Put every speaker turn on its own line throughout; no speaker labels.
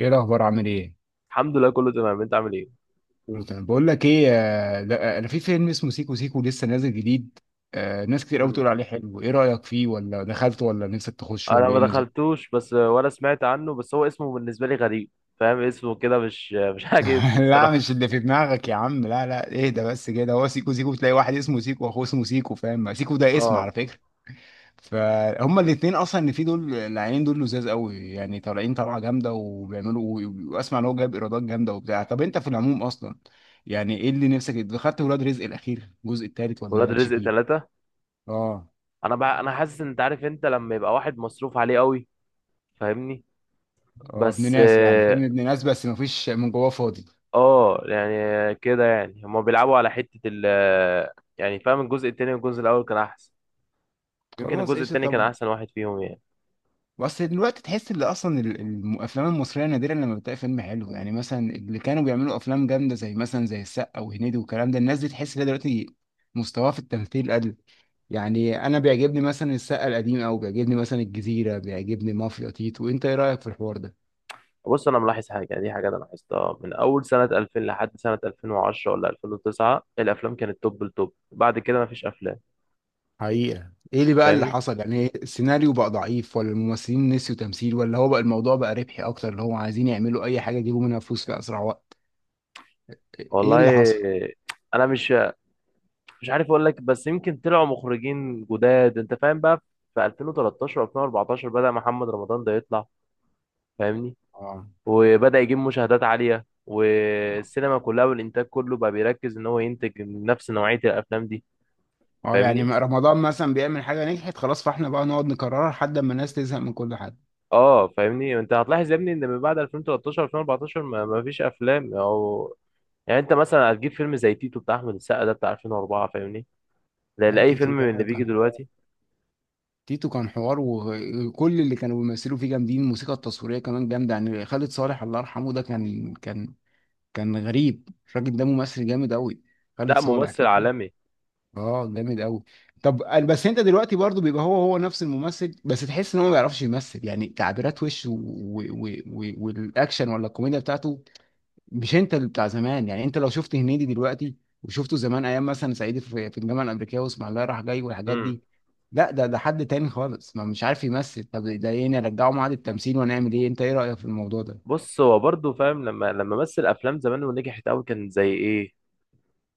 ايه الاخبار عامل ايه؟
الحمد لله، كله تمام. انت عامل ايه؟
كله تمام. بقول لك ايه، ده انا في فيلم اسمه سيكو سيكو لسه نازل جديد. ناس كتير قوي
مم.
بتقول عليه حلو، ايه رايك فيه؟ ولا دخلته؟ ولا نفسك تخش؟
انا
ولا ايه
ما
النظام؟
دخلتوش، بس ولا سمعت عنه. بس هو اسمه بالنسبه لي غريب. فاهم اسمه كده مش مش عاجبني
لا
الصراحه.
مش اللي في دماغك يا عم، لا ايه ده؟ بس كده هو سيكو سيكو، تلاقي واحد اسمه سيكو واخوه اسمه سيكو، فاهم؟ سيكو ده اسم
اه.
على فكره. فهم الاثنين اصلا اللي فيه دول، العينين دول لزاز قوي، يعني طالعين طلعه جامده وبيعملوا. واسمع ان هو جايب ايرادات جامده وبتاع. طب انت في العموم اصلا، يعني ايه اللي نفسك؟ دخلت ولاد رزق الاخير الجزء الثالث ولا
ولاد
مالكش
رزق
فيه؟
ثلاثة.
اه.
انا بقى انا حاسس ان انت عارف، انت لما يبقى واحد مصروف عليه قوي. فاهمني.
اه ابن
بس
ناس، يعني
اه.
فيلم ابن ناس بس مفيش من جواه، فاضي.
اه، يعني كده، يعني هما بيلعبوا على حته ال. يعني فاهم، الجزء التاني والجزء الاول كان احسن. يمكن
خلاص
الجزء
قشطة.
التاني كان
طب
احسن واحد فيهم يعني.
بس دلوقتي تحس ان اصلا الافلام المصريه نادرا لما بتلاقي فيلم حلو. يعني مثلا اللي كانوا بيعملوا افلام جامده، زي مثلا زي السقا وهنيدي والكلام ده، الناس دي تحس ان هي دلوقتي مستواها في التمثيل قل. يعني انا بيعجبني مثلا السقا القديم، او بيعجبني مثلا الجزيره، بيعجبني مافيا تيتو. انت ايه رايك في الحوار ده؟
بص، انا ملاحظ حاجه، يعني دي حاجه انا لاحظتها من اول سنه 2000 لحد سنه 2010 ولا 2009 الافلام كانت توب التوب. بعد كده مفيش افلام.
حقيقة ايه اللي بقى اللي
فاهمني.
حصل؟ يعني السيناريو بقى ضعيف؟ ولا الممثلين نسيوا تمثيل؟ ولا هو بقى الموضوع بقى ربحي اكتر، اللي هو عايزين يعملوا اي حاجة يجيبوا منها فلوس في اسرع وقت؟ ايه اللي
والله
حصل؟
انا مش عارف اقول لك. بس يمكن طلعوا مخرجين جداد، انت فاهم بقى. في 2013 و2014 بدأ محمد رمضان ده يطلع. فاهمني.
اه.
وبدأ يجيب مشاهدات عاليه،
اه.
والسينما كلها والانتاج كله بقى بيركز ان هو ينتج نفس نوعيه الافلام دي.
اه يعني
فاهمني.
ما- رمضان مثلا بيعمل حاجة نجحت، خلاص فاحنا بقى نقعد نكررها لحد ما الناس تزهق من كل حاجة.
اه فاهمني، انت هتلاحظ يا ابني ان من بعد 2013 2014 ما فيش افلام. او يعني انت مثلا هتجيب فيلم زي تيتو بتاع احمد السقا، ده بتاع 2004، فاهمني. ده
لا
لاي فيلم
تيتو
من اللي
ده
بيجي
كان حوار.
دلوقتي.
تيتو كان حوار، وكل اللي كانوا بيمثلوا فيه جامدين، الموسيقى التصويرية كمان جامدة. يعني خالد صالح الله يرحمه ده كان كان غريب، الراجل ده ممثل جامد قوي. خالد
لا
صالح،
ممثل
فاكره؟
عالمي.
اه جامد قوي. طب أنا- بس انت دلوقتي برضو بيبقى هو نفس الممثل بس تحس ان هو ما بيعرفش يمثل، يعني تعبيرات وشه والاكشن ولا الكوميديا بتاعته مش انت اللي بتاع زمان. يعني انت لو شفت هنيدي دلوقتي وشفته زمان ايام مثلا صعيدي في الجامعه الامريكيه واسمع الله رايح جاي والحاجات
امم.
دي، لا ده حد تاني خالص، ما مش عارف يمثل. طب ده ايه نرجعه معاد التمثيل؟ ونعمل ايه؟ انت ايه رايك في الموضوع ده؟
بص هو برضه فاهم، لما مثل افلام زمان ونجحت قوي كان زي ايه؟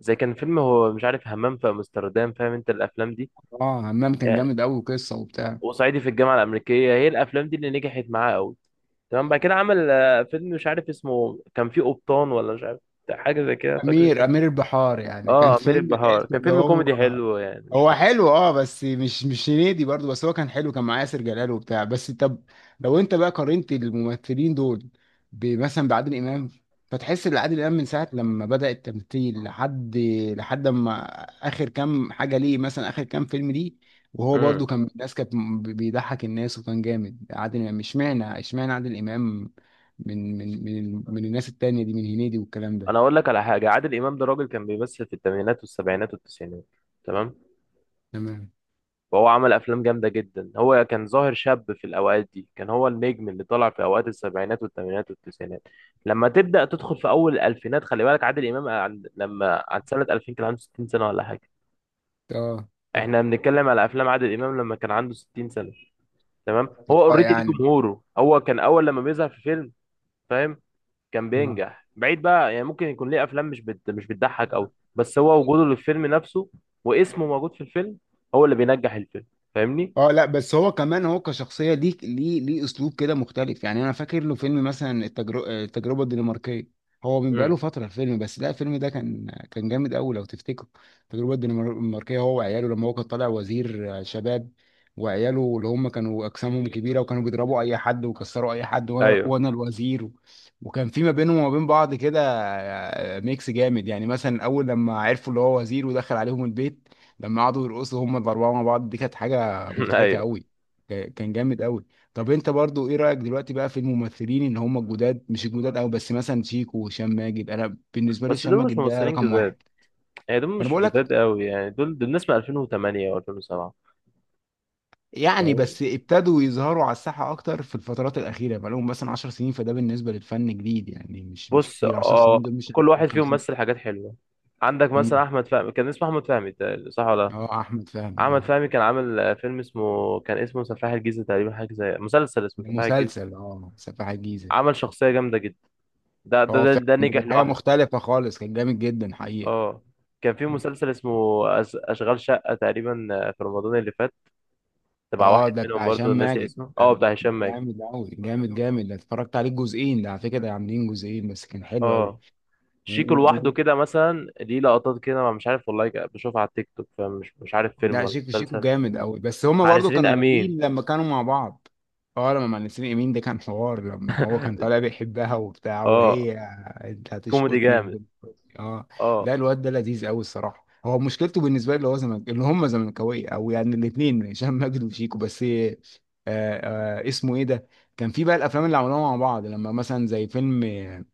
زي كان فيلم هو مش عارف همام في امستردام، فاهم انت الافلام دي.
اه همام كان
يعني
جامد قوي وقصه وبتاع.
وصعيدي في الجامعه الامريكيه، هي الافلام دي اللي نجحت معاه قوي. تمام. بعد كده عمل فيلم مش عارف اسمه، كان فيه قبطان ولا مش عارف، حاجه زي كده، فاكر انت؟
امير البحار، يعني كان
اه امير
فيلم
البحار
تحس
كان
اللي
فيلم
هو.
كوميدي حلو، يعني مش
هو
وحش.
حلو اه، بس مش مش هنيدي برضو، بس هو كان حلو، كان معاه ياسر جلال وبتاع. بس طب لو انت بقى قارنت الممثلين دول ب- مثلا بعادل امام، فتحس ان عادل امام من ساعه لما بدأ التمثيل لحد لحد ما اخر كام حاجه ليه، مثلا اخر كام فيلم ليه، وهو
امم.
برضو كان الناس كانت م- بيضحك الناس وكان جامد. عادل امام، اشمعنى اشمعنى عادل امام من الناس التانية دي، من هنيدي والكلام ده؟
انا اقول لك على حاجه. عادل امام ده راجل كان بيمثل في الثمانينات والسبعينات والتسعينات. تمام.
تمام.
وهو عمل افلام جامده جدا. هو كان ظاهر شاب في الاوقات دي، كان هو النجم اللي طلع في اوقات السبعينات والثمانينات والتسعينات. لما تبدا تدخل في اول الالفينات، خلي بالك عادل امام لما عند سنه 2000 كان عنده 60 سنه ولا حاجه.
اه صح.
احنا بنتكلم على افلام عادل امام لما كان عنده 60 سنه. تمام. هو
اه
اوريدي ليه
يعني.
جمهوره، هو كان اول لما بيظهر في فيلم، فاهم، كان
مم.
بينجح بعيد بقى. يعني ممكن يكون ليه افلام مش بتضحك قوي، بس هو وجوده للفيلم نفسه واسمه موجود في الفيلم هو اللي بينجح الفيلم. فاهمني.
اه لا بس هو كمان هو كشخصيه ليه ليه اسلوب كده مختلف. يعني انا فاكر له فيلم مثلا التجربه التجربه الدنماركيه، هو من
امم.
بقاله فتره الفيلم بس لا الفيلم ده كان جامد قوي لو تفتكر. التجربه الدنماركيه، هو وعياله لما هو كان طالع وزير شباب، وعياله اللي هم كانوا اجسامهم كبيره وكانوا بيضربوا اي حد ويكسروا اي حد، وانا
ايوه.
وانا الوزير. وكان في ما بينهم وما بين بعض كده ميكس جامد، يعني مثلا اول لما عرفوا اللي هو وزير ودخل عليهم البيت، لما قعدوا يرقصوا هم الاربعه مع بعض دي كانت حاجه مضحكه
ايوه.
قوي، كان جامد قوي. طب انت برضو ايه رايك دلوقتي بقى في الممثلين ان هم الجداد، مش الجداد قوي بس مثلا شيكو وهشام ماجد، انا بالنسبه لي
بس
هشام
دول مش
ماجد ده
ممثلين
رقم
جداد،
واحد.
يعني دول
انا
مش
بقول لك
جداد قوي. يعني دول ناس من 2008 و2007.
يعني
فاهم؟
بس ابتدوا يظهروا على الساحه اكتر في الفترات الاخيره، بقى لهم مثلا 10 سنين، فده بالنسبه للفن جديد يعني، مش مش
بص
كتير 10
اه،
سنين دول، مش
كل واحد فيهم
50.
مثل حاجات حلوه. عندك مثلا
امم
احمد فهمي، كان اسمه احمد فهمي تقريباً، صح ولا لا؟
اه احمد فهمي
احمد
اه.
فهمي كان عامل فيلم اسمه، كان اسمه سفاح الجيزه تقريبا، حاجه زي مسلسل اسمه
ده
سفاح الجيزه.
مسلسل اه سفاح الجيزه.
عمل شخصيه جامده. ده ده
اه
ده,
فعلا
ده
دي
نجح
كانت حاجه
لوحده.
مختلفه خالص، كان جامد جدا حقيقه.
اه. كان في مسلسل اسمه أشغال شقة تقريبا في رمضان اللي فات، تبع
اه
واحد
ده
منهم
بتاع هشام
برضو ناسي
ماجد
اسمه،
ده،
اه بتاع
ده
هشام ماجد.
جامد قوي، جامد، ده اتفرجت عليه جزئين، ده على فكره ده عاملين جزئين بس كان حلو قوي.
اه شيكو لوحده كده مثلا ليه لقطات كده، ما مش عارف والله، بشوفها على التيك توك، فمش مش عارف فيلم
لا
ولا
شيكو، شيكو
مسلسل.
جامد قوي، بس هما
مع
برضو
نسرين
كانوا
أمين.
جامدين لما كانوا مع بعض. اه لما مع نسرين امين ده كان حوار، لما هو كان طالع بيحبها وبتاع
اه
وهي. انت
كوميدي
هتشقطني
جامد.
وب- اه.
اه.
لا الواد ده لذيذ قوي الصراحه، هو مشكلته بالنسبه لي اللي هو زمن اللي هم زملكاويه، او يعني الاثنين هشام ماجد وشيكو بس آه اسمه ايه ده، كان في بقى الافلام اللي عملوها مع بعض لما مثلا زي فيلم آه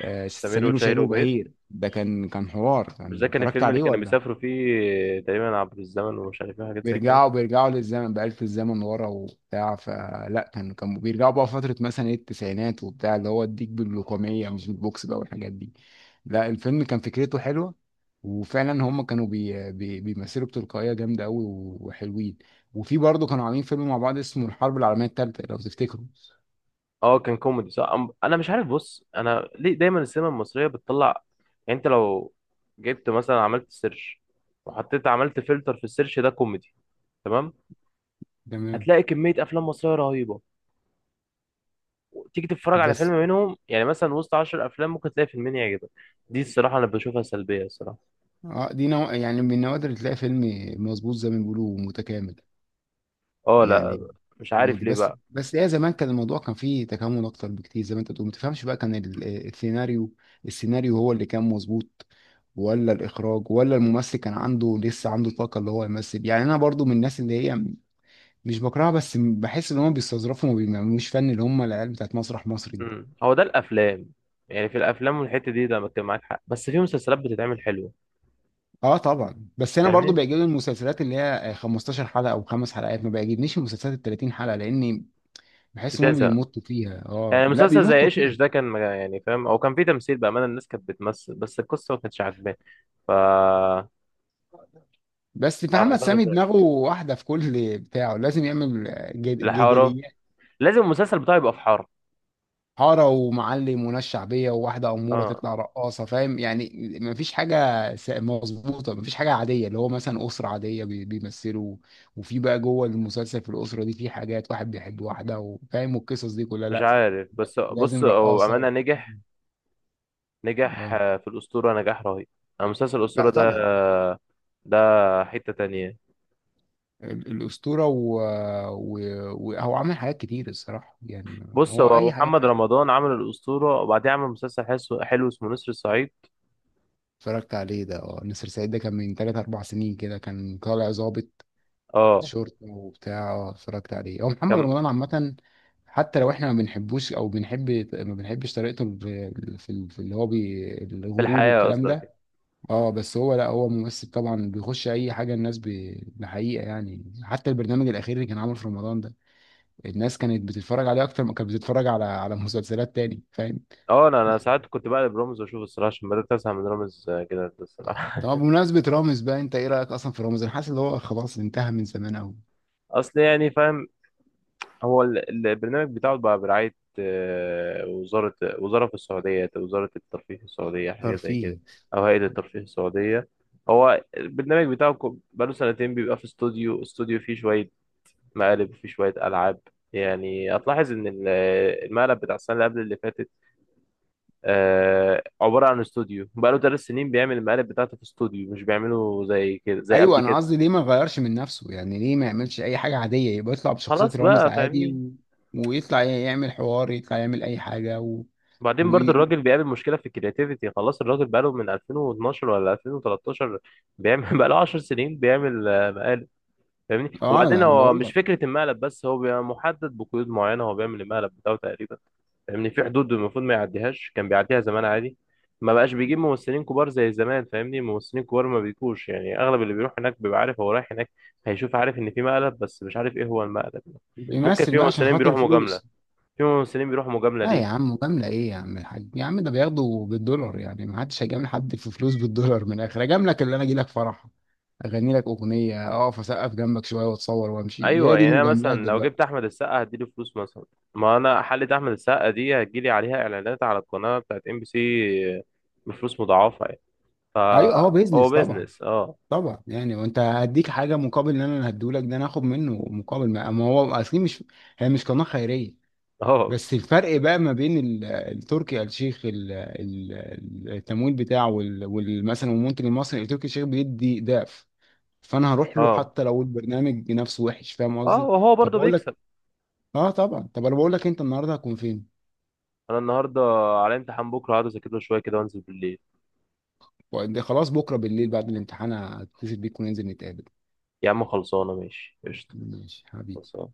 آه،
سمير
سمير وشهير
وشهير وبهير.
وبهير ده كان حوار،
مش ده
كان
كان
اتفرجت
الفيلم اللي
عليه
كانوا
ولا؟
بيسافروا فيه تقريبا عبر الزمن ومش عارف ايه حاجات زي كده؟
بيرجعوا للزمن بآلة الزمن ورا وبتاع، فلا كان كانوا بيرجعوا بقى فترة مثلا ايه التسعينات وبتاع، اللي هو اديك باللقمية مش بالبوكس بقى والحاجات دي. لا الفيلم كان فكرته حلوة، وفعلا هم كانوا بي بي بيمثلوا بتلقائية جامدة قوي وحلوين. وفي برضه كانوا عاملين فيلم مع بعض اسمه الحرب العالمية التالتة لو تفتكروا.
اه كان كوميدي صح. انا مش عارف، بص انا ليه دايما السينما المصريه بتطلع؟ يعني انت لو جبت مثلا، عملت سيرش وحطيت، عملت فلتر في السيرش ده كوميدي، تمام،
تمام.
هتلاقي كميه افلام مصريه رهيبه. تيجي تتفرج على فيلم
بس
منهم، يعني مثلا وسط 10 افلام ممكن تلاقي فيلمين يعجبك. دي الصراحه انا بشوفها سلبيه الصراحه.
اه دي نوع يعني من النوادر اللي تلاقي فيلم مظبوط، زي ما بيقولوا متكامل
اه لا،
يعني،
مش عارف
كوميدي
ليه
بس.
بقى.
بس هي زمان كان الموضوع كان فيه تكامل اكتر بكتير زي ما انت بتقول، ما تفهمش بقى كان السيناريو، السيناريو هو اللي كان مظبوط، ولا الاخراج، ولا الممثل كان عنده لسه عنده طاقه اللي هو يمثل. يعني انا برضو من الناس اللي هي مش بكرهها بس بحس ان هم بيستظرفوا وما بيعملوش فن، اللي هم العيال بتاعت مسرح مصر دي.
امم. هو ده الافلام، يعني في الافلام والحته دي ده كان معاك حق، بس في مسلسلات بتتعمل حلوه.
اه طبعا، بس انا برضو
فاهمني.
بيعجبني المسلسلات اللي هي 15 حلقه او خمس حلقات، ما بيعجبنيش المسلسلات ال 30 حلقه، لاني بحس ان هم
بتزهق.
بيمطوا فيها. اه
يعني
لا
مسلسل زي
بيمطوا.
ايش ايش ده كان يعني فاهم، او كان فيه تمثيل بامانه، الناس كانت بتمثل، بس القصه ما كانتش عاجباني. ف بتاع
بس محمد
رمضان اللي
سامي
فات.
دماغه واحدة في كل بتاعه، لازم يعمل جد-
الحاره،
جدليات،
لازم المسلسل بتاعي يبقى في حاره.
حارة ومعلم وناس شعبية وواحدة أمورة
اه
تطلع رقاصة، فاهم؟ يعني مفيش حاجة س- مظبوطة، مفيش حاجة عادية اللي هو مثلا أسرة عادية بي- بيمثلوا، وفي بقى جوه المسلسل في الأسرة دي في حاجات واحد بيحب واحدة وفاهم والقصص دي كلها،
مش
لأ
عارف، بس بص
لازم
هو
رقاصة.
بامانه نجح نجح
اه
آه، في الاسطوره نجاح رهيب. مسلسل الاسطوره
لا
ده،
طبعا.
ده حته تانية.
ال- الأسطورة، وهو و... وهو عمل حاجات كتير الصراحة يعني.
بص،
هو
هو
أي حاجة.
محمد رمضان عمل الاسطوره، وبعدين عمل مسلسل حلو حلو اسمه نسر الصعيد.
اتفرجت عليه ده، اه نسر سعيد ده كان من تلات أربع سنين كده، كان طالع ضابط
اه
شرطة وبتاع، اه اتفرجت عليه. هو محمد
كان.
رمضان عامة، حتى لو احنا ما بنحبوش او بنحب ما بنحبش طريقته في في اللي هو بي
في
الغرور
الحياه
والكلام
قصدك.
ده. اه بس هو لا هو ممثل طبعا بيخش اي حاجه الناس ب- بحقيقه، يعني حتى البرنامج الاخير اللي كان عامله في رمضان ده، الناس كانت بتتفرج عليه اكتر ما كانت بتتفرج على على مسلسلات تاني، فاهم؟
اه انا ساعات كنت بقلب رامز واشوف الصراحه، عشان بدات ازهق من رامز كده الصراحه.
طب بمناسبة رامز بقى، انت ايه رأيك اصلا في رامز؟ انا حاسس ان هو خلاص انتهى من زمان قوي.
اصل يعني فاهم، هو البرنامج بتاعه بقى برعاية وزارة في السعودية، وزارة الترفيه في السعودية حاجة زي
ترفيه.
كده، أو هيئة الترفيه السعودية. هو البرنامج بتاعه بقاله سنتين بيبقى في استوديو فيه شوية مقالب وفيه شوية ألعاب. يعني هتلاحظ إن المقلب بتاع السنة اللي قبل اللي فاتت عبارة عن استوديو. بقاله 3 سنين بيعمل المقالب بتاعته في استوديو، مش بيعمله زي كده زي
ايوه
قبل
انا
كده.
قصدي ليه ما يغيرش من نفسه؟ يعني ليه ما يعملش اي حاجة عادية، يبقى يطلع بشخصية
خلاص
رامز
بقى،
عادي
فاهمني؟
ويطلع يعمل حوار، يطلع يعمل اي حاجة
بعدين
و...
برضو الراجل بيقابل مشكلة في الكرياتيفيتي، خلاص الراجل بقاله من 2012 ولا 2013 بيعمل بقاله 10 سنين بيعمل مقالب. فاهمني.
اه ده
وبعدين
انا
هو
بقول
مش
لك.
فكرة المقلب بس، هو بيبقى محدد بقيود معينة، هو بيعمل المقلب بتاعه تقريبا، فاهمني، في حدود المفروض ما يعديهاش. كان بيعديها زمان عادي. ما بقاش بيجيب ممثلين كبار زي زمان، فاهمني، ممثلين كبار ما بيجوش. يعني اغلب اللي بيروح هناك بيبقى عارف هو رايح هناك هيشوف، عارف ان في مقلب بس مش عارف ايه هو المقلب. ممكن
يمثل
في
بقى عشان
ممثلين
خاطر
بيروحوا مجاملة.
الفلوس.
في ممثلين بيروحوا مجاملة
لا يا
ليه؟
عم، مجاملة ايه يا عم الحاج يا عم، ده بياخده بالدولار، يعني ما حدش هيجامل حد في فلوس بالدولار. من الاخر اجاملك اللي انا اجي لك فرح اغني لك اغنية، اقف اسقف جنبك شوية واتصور وامشي، هي
ايوه
دي
يعني انا
المجاملات
مثلا لو
دلوقتي.
جبت احمد السقا هديله فلوس مثلا، ما انا حلقه احمد السقا دي هتجيلي عليها اعلانات على القناه بتاعت MBC بفلوس مضاعفه يعني.
ايوه هو
فهو
بيزنس طبعا.
بيزنس اه.
طبعا، يعني وانت هديك حاجه مقابل ان انا هديهولك، ده انا هاخد منه مقابل، ما هو اصلي مش، هي مش قناه خيريه.
اه،
بس الفرق بقى ما بين التركي آل الشيخ التمويل بتاعه مثلا المنتج المصري، التركي آل الشيخ بيدي ضعف، فانا هروح له
اه،
حتى لو البرنامج نفسه وحش، فاهم
اه
قصدي؟
وهو
طب
برضه
بقول لك،
بيكسب.
اه طبعا. طب انا بقول لك، انت النهارده هتكون فين؟
انا النهارده على امتحان، بكره هقعد اذاكر له شويه كده وانزل بالليل.
وقد- خلاص بكره بالليل بعد الامتحان هتصل بيك وننزل نتقابل.
يا عم خلصانه، ماشي قشطه.
ماشي حبيبي.
خلصانه.